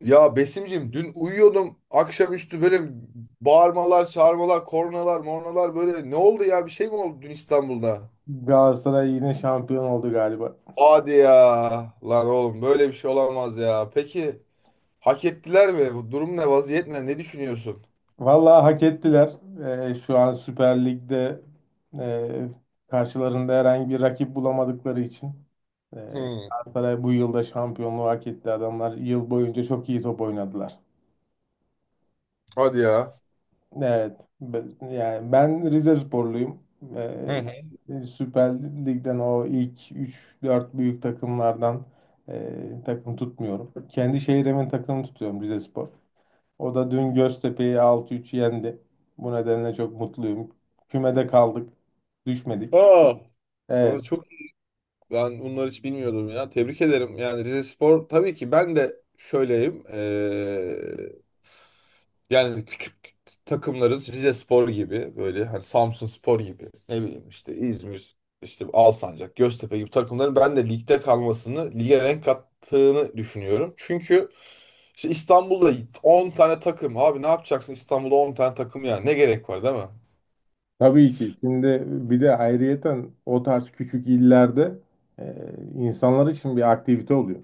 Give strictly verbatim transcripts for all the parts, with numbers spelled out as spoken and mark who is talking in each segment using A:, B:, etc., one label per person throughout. A: Ya Besim'cim dün uyuyordum akşamüstü böyle bağırmalar, çağırmalar, kornalar, mornalar, böyle ne oldu ya, bir şey mi oldu dün İstanbul'da?
B: Galatasaray yine şampiyon oldu galiba.
A: Hadi ya, lan oğlum böyle bir şey olamaz ya. Peki hak ettiler mi? Bu durum ne vaziyet, ne ne düşünüyorsun?
B: Vallahi hak ettiler. Ee, şu an Süper Lig'de e, karşılarında herhangi bir rakip bulamadıkları için e,
A: Hmm,
B: Galatasaray bu yılda şampiyonluğu hak etti. Adamlar yıl boyunca çok iyi top oynadılar.
A: hadi ya.
B: Evet. Ben, yani ben Rizesporluyum.
A: Hı hı.
B: Ee, Süper Lig'den o ilk üç dört büyük takımlardan e, takım tutmuyorum. Kendi şehrimin takımını tutuyorum Rizespor. O da dün Göztepe'yi altı üç yendi. Bu nedenle çok mutluyum. Kümede kaldık. Düşmedik.
A: Aa,
B: Evet.
A: valla çok, ben bunları hiç bilmiyordum ya. Tebrik ederim. Yani Rize Spor tabii ki ben de şöyleyim. Ee, Yani küçük takımların, Rizespor gibi, böyle hani Samsunspor gibi, ne bileyim işte İzmir, işte Alsancak, Göztepe gibi takımların ben de ligde kalmasını, lige renk kattığını düşünüyorum. Çünkü işte İstanbul'da on tane takım, abi ne yapacaksın İstanbul'da on tane takım ya, ne gerek var değil mi?
B: Tabii ki. Şimdi bir de ayrıyeten o tarz küçük illerde e, insanlar için bir aktivite oluyor.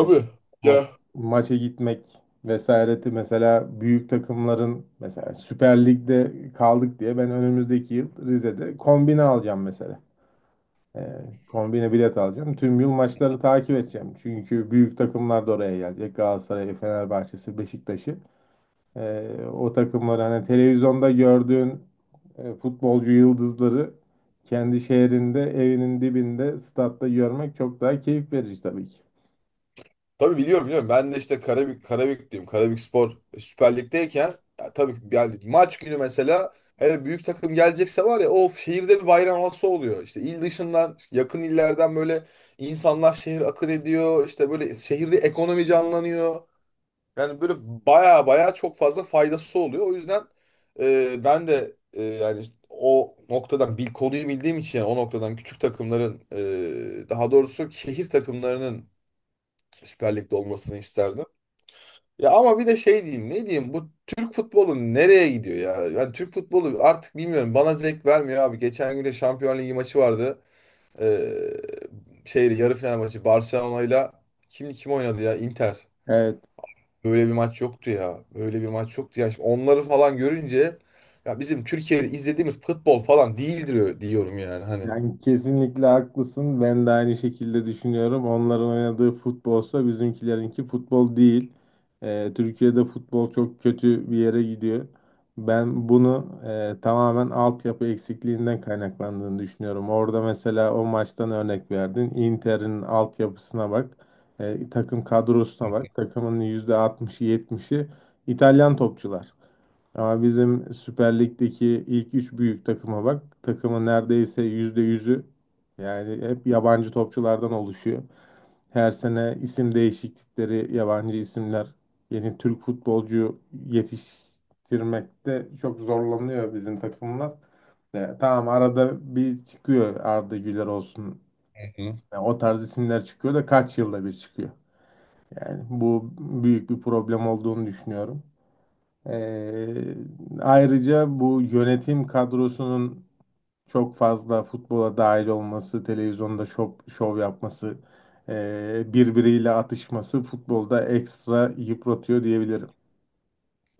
B: E, maç-
A: Ya
B: Maça gitmek vesaireti, mesela büyük takımların, mesela Süper Lig'de kaldık diye ben önümüzdeki yıl Rize'de kombine alacağım mesela. Ee, Kombine bilet alacağım. Tüm yıl maçları takip edeceğim. Çünkü büyük takımlar da oraya gelecek. Galatasaray, Fenerbahçe'si, Beşiktaş'ı. Ee, o takımları, hani televizyonda gördüğün e, futbolcu yıldızları kendi şehrinde, evinin dibinde, statta görmek çok daha keyif verici tabii ki.
A: tabii, biliyorum biliyorum. Ben de işte Karabük, Karabüklüyüm. Karabükspor Süper Lig'deyken, ya tabii yani maç günü mesela, hele büyük takım gelecekse var ya, of, şehirde bir bayram havası oluyor. İşte il dışından, yakın illerden böyle insanlar şehir akın ediyor. İşte böyle şehirde ekonomi canlanıyor. Yani böyle baya baya çok fazla faydası oluyor. O yüzden e, ben de e, yani o noktadan bil konuyu bildiğim için, yani o noktadan küçük takımların, e, daha doğrusu şehir takımlarının Süper Lig'de olmasını isterdim. Ya ama bir de şey diyeyim, ne diyeyim, bu Türk futbolu nereye gidiyor ya? Ben Türk futbolu artık bilmiyorum, bana zevk vermiyor abi. Geçen gün de Şampiyon Ligi maçı vardı. Ee, Şeydi, yarı final maçı, Barcelona ile kim kim oynadı ya? Inter.
B: Evet.
A: Böyle bir maç yoktu ya. Böyle bir maç yoktu ya. Şimdi onları falan görünce, ya bizim Türkiye'de izlediğimiz futbol falan değildir diyorum yani, hani.
B: Yani kesinlikle haklısın. Ben de aynı şekilde düşünüyorum. Onların oynadığı futbolsa bizimkilerinki futbol değil. Ee, Türkiye'de futbol çok kötü bir yere gidiyor. Ben bunu e, tamamen altyapı eksikliğinden kaynaklandığını düşünüyorum. Orada mesela o maçtan örnek verdin. Inter'in altyapısına bak. E, takım kadrosuna bak. Takımın yüzde altmışı yetmişi İtalyan topçular. Ama bizim Süper Lig'deki ilk üç büyük takıma bak. Takımın neredeyse yüzde yüzü, yani hep yabancı topçulardan oluşuyor. Her sene isim değişiklikleri, yabancı isimler, yeni Türk futbolcu yetiştirmekte çok zorlanıyor bizim takımlar. E, tamam, arada bir çıkıyor Arda Güler olsun.
A: Hı.
B: Yani o tarz isimler çıkıyor da kaç yılda bir çıkıyor. Yani bu büyük bir problem olduğunu düşünüyorum. Ee, Ayrıca bu yönetim kadrosunun çok fazla futbola dahil olması, televizyonda şov, şov yapması, ee, birbiriyle atışması futbolda ekstra yıpratıyor diyebilirim.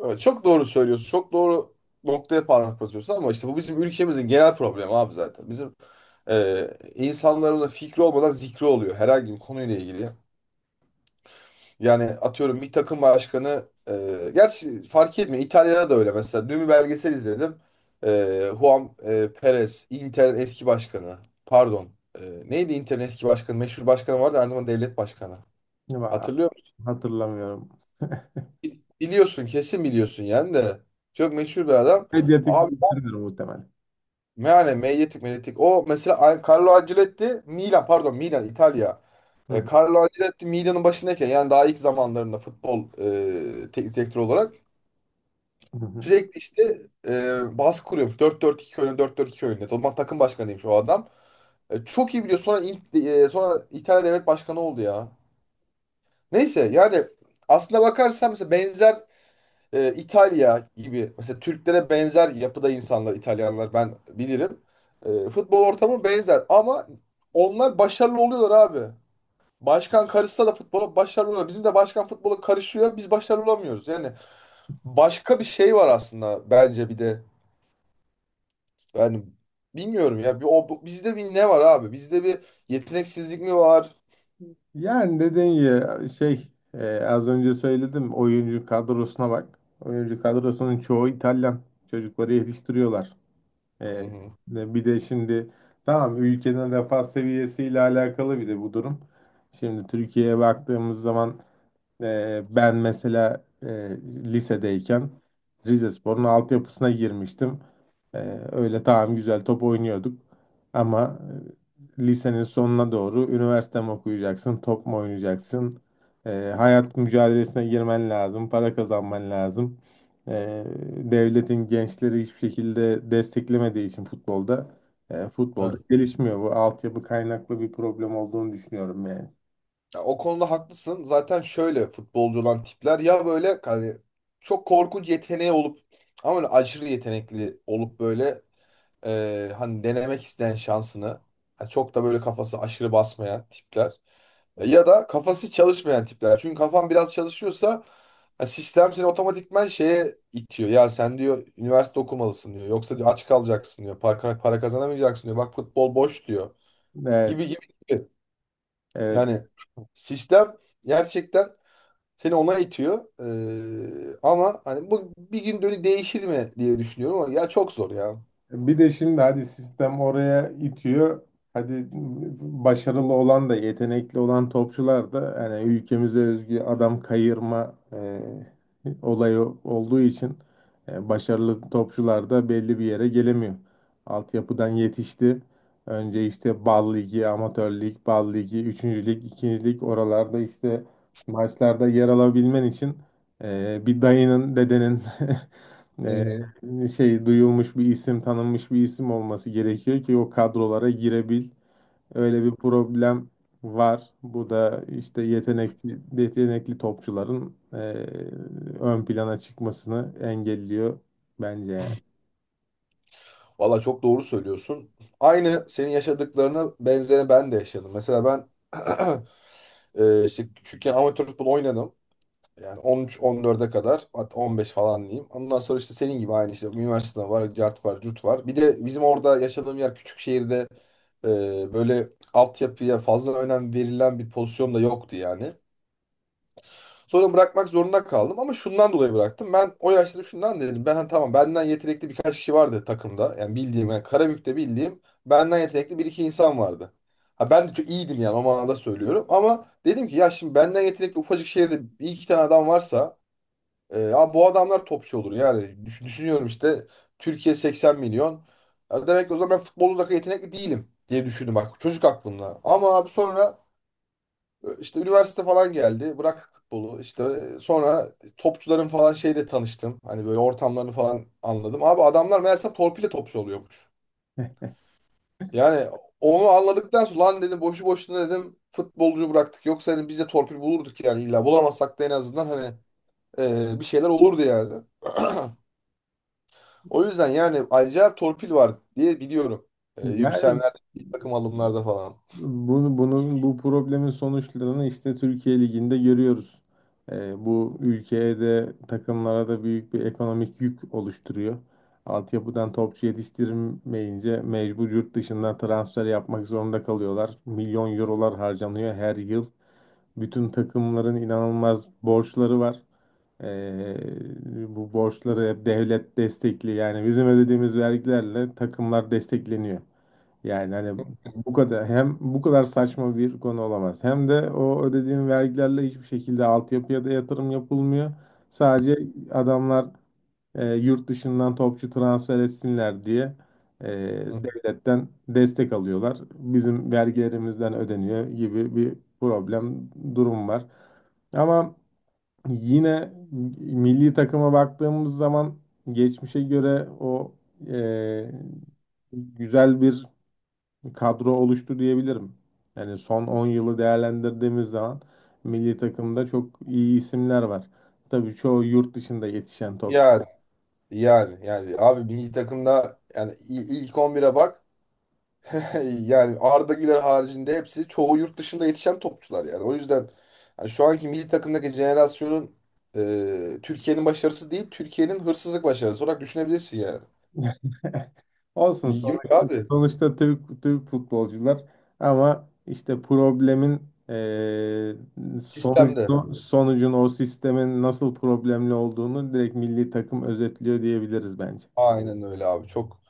A: Evet, çok doğru söylüyorsun. Çok doğru noktaya parmak basıyorsun ama işte bu bizim ülkemizin genel problemi abi zaten. Bizim e, insanların da fikri olmadan zikri oluyor herhangi bir konuyla ilgili. Yani atıyorum, bir takım başkanı e, gerçi fark etmiyor. İtalya'da da öyle mesela. Dün bir belgesel izledim. E, Juan e, Perez, Inter'in eski başkanı. Pardon. E, Neydi Inter'in eski başkanı? Meşhur başkanı vardı, aynı zamanda devlet başkanı.
B: Va-
A: Hatırlıyor musun?
B: Hatırlamıyorum.
A: Biliyorsun, kesin biliyorsun yani de. Çok meşhur bir adam.
B: Medyatik bir isimdir muhtemelen.
A: Yani Medyatik, Medyatik. O mesela A- Carlo Ancelotti Milan, pardon Milan, İtalya.
B: Hı
A: E,
B: hı,
A: Carlo Ancelotti Milan'ın başındayken, yani daha ilk zamanlarında futbol, e, teknik direktör olarak
B: hı hı.
A: sürekli işte e, baskı kuruyormuş. Dört 4 iki oyunu, dört 4 iki oyunu. O zaman takım başkanıymış o adam. E, çok iyi biliyor. Sonra İng- e, sonra İtalya devlet başkanı oldu ya. Neyse, yani aslında bakarsan mesela benzer, e, İtalya gibi, mesela Türklere benzer yapıda insanlar İtalyanlar, ben bilirim. E, futbol ortamı benzer ama onlar başarılı oluyorlar abi. Başkan karışsa da futbola başarılı oluyor. Bizim de başkan futbola karışıyor. Biz başarılı olamıyoruz. Yani başka bir şey var aslında bence bir de. Yani bilmiyorum ya. Bir, o, bu- bizde bir ne var abi? Bizde bir yeteneksizlik mi var?
B: Yani dediğim gibi şey, e, az önce söyledim, oyuncu kadrosuna bak. Oyuncu kadrosunun çoğu İtalyan. Çocukları yetiştiriyorlar.
A: Hı
B: Ee,
A: hı.
B: Bir de şimdi, tamam, ülkenin refah seviyesiyle alakalı bir de bu durum. Şimdi Türkiye'ye baktığımız zaman ee, ben mesela, e, lisedeyken Rizespor'un altyapısına girmiştim. Ee, öyle, tamam, güzel top oynuyorduk. Ama e, lisenin sonuna doğru üniversite mi okuyacaksın, top mu oynayacaksın? Ee, hayat mücadelesine girmen lazım, para kazanman lazım. Ee, Devletin gençleri hiçbir şekilde desteklemediği için futbolda, e, futbolda gelişmiyor. Bu altyapı kaynaklı bir problem olduğunu düşünüyorum yani.
A: Ya o konuda haklısın. Zaten şöyle futbolcu olan tipler, ya böyle hani çok korkunç yeteneği olup, ama öyle aşırı yetenekli olup böyle, e, hani denemek isteyen, şansını, yani çok da böyle kafası aşırı basmayan tipler. E, Ya da kafası çalışmayan tipler. Çünkü kafan biraz çalışıyorsa ya, sistem seni otomatikman şeye itiyor. Ya sen, diyor, üniversite okumalısın diyor. Yoksa, diyor, aç kalacaksın diyor. Para, para kazanamayacaksın diyor. Bak, futbol boş diyor.
B: Evet.
A: Gibi gibi gibi.
B: Evet.
A: Yani sistem gerçekten seni ona itiyor. Ee, ama hani bu bir gün dönü değişir mi diye düşünüyorum, ama ya çok zor ya.
B: Bir de şimdi, hadi sistem oraya itiyor. Hadi, başarılı olan da yetenekli olan topçular da, yani ülkemize özgü adam kayırma e, olayı olduğu için e, başarılı topçular da belli bir yere gelemiyor. Altyapıdan yetişti. Önce işte Bal Ligi, Amatör Lig, Bal Ligi, üçüncü. Lig, ikinci. Lig, oralarda işte maçlarda yer alabilmen için e, bir dayının, dedenin
A: Hı hı.
B: şey, duyulmuş bir isim, tanınmış bir isim olması gerekiyor ki o kadrolara girebil. Öyle bir problem var. Bu da işte yetenekli yetenekli topçuların eee, ön plana çıkmasını engelliyor bence yani.
A: Valla çok doğru söylüyorsun. Aynı senin yaşadıklarına benzeri ben de yaşadım. Mesela ben e, işte küçükken amatör futbol oynadım. Yani on üç on dörde kadar, hatta on beş falan diyeyim. Ondan sonra işte senin gibi aynı, işte üniversite var, cart var, cut var. Bir de bizim orada, yaşadığım yer küçük şehirde, e, böyle altyapıya fazla önem verilen bir pozisyon da yoktu yani. Sonra bırakmak zorunda kaldım ama şundan dolayı bıraktım. Ben o yaşta şundan dedim. Ben hani, tamam, benden yetenekli birkaç kişi vardı takımda. Yani bildiğim, yani Karabük'te bildiğim benden yetenekli bir iki insan vardı. Ha, ben de çok iyiydim yani, o manada söylüyorum. Ama dedim ki, ya şimdi benden yetenekli ufacık şehirde bir iki tane adam varsa, e, ya bu adamlar topçu olur. Yani düş- düşünüyorum işte, Türkiye seksen milyon. Ya demek ki o zaman ben futbol uzak, yetenekli değilim diye düşündüm bak, çocuk aklımda. Ama abi sonra işte üniversite falan geldi. Bırak futbolu. İşte sonra topçuların falan şeyle tanıştım. Hani böyle ortamlarını falan anladım. Abi adamlar meğerse torpille topçu oluyormuş. Yani onu anladıktan sonra, lan dedim, boşu boşuna dedim futbolcu bıraktık. Yoksa, dedim, biz de torpil bulurduk, yani illa bulamazsak da en azından hani e, bir şeyler olurdu yani. O yüzden yani acayip torpil var diye biliyorum. E,
B: Yani
A: yükselmelerde, milli takım alımlarda falan.
B: Bunu, bunun bu problemin sonuçlarını işte Türkiye Ligi'nde görüyoruz. Ee, bu ülkeye de takımlara da büyük bir ekonomik yük oluşturuyor. Altyapıdan topçu yetiştirmeyince mecbur yurt dışından transfer yapmak zorunda kalıyorlar. Milyon eurolar harcanıyor her yıl. Bütün takımların inanılmaz borçları var. Ee, Bu borçları hep devlet destekli. Yani bizim ödediğimiz vergilerle takımlar destekleniyor. Yani hani, bu kadar hem bu kadar saçma bir konu olamaz. Hem de o ödediğim vergilerle hiçbir şekilde altyapıya da yatırım yapılmıyor. Sadece adamlar e, yurt dışından topçu transfer etsinler diye e,
A: Hı.
B: devletten destek alıyorlar. Bizim vergilerimizden ödeniyor gibi bir problem durum var. Ama yine milli takıma baktığımız zaman geçmişe göre o e, güzel bir kadro oluştu diyebilirim. Yani son on yılı değerlendirdiğimiz zaman milli takımda çok iyi isimler var. Tabii çoğu yurt dışında yetişen topçu.
A: Yani yani yani abi, milli takımda yani il- ilk on bire bak. Yani Arda Güler haricinde hepsi, çoğu yurt dışında yetişen topçular yani. O yüzden hani şu anki milli takımdaki jenerasyonun, e, Türkiye'nin başarısı değil, Türkiye'nin hırsızlık başarısı olarak düşünebilirsin yani.
B: Olsun,
A: Yok
B: sonuçta,
A: abi.
B: sonuçta Türk, Türk futbolcular ama işte problemin eee
A: Sistemde.
B: sonucu, sonucun o sistemin nasıl problemli olduğunu direkt milli takım özetliyor diyebiliriz bence.
A: Aynen öyle abi. Çok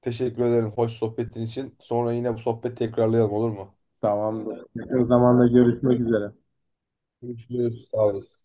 A: teşekkür ederim hoş sohbetin için. Sonra yine bu sohbet tekrarlayalım, olur mu?
B: Tamamdır. Yakın zamanda görüşmek üzere.
A: Görüşürüz. Sağ olasın.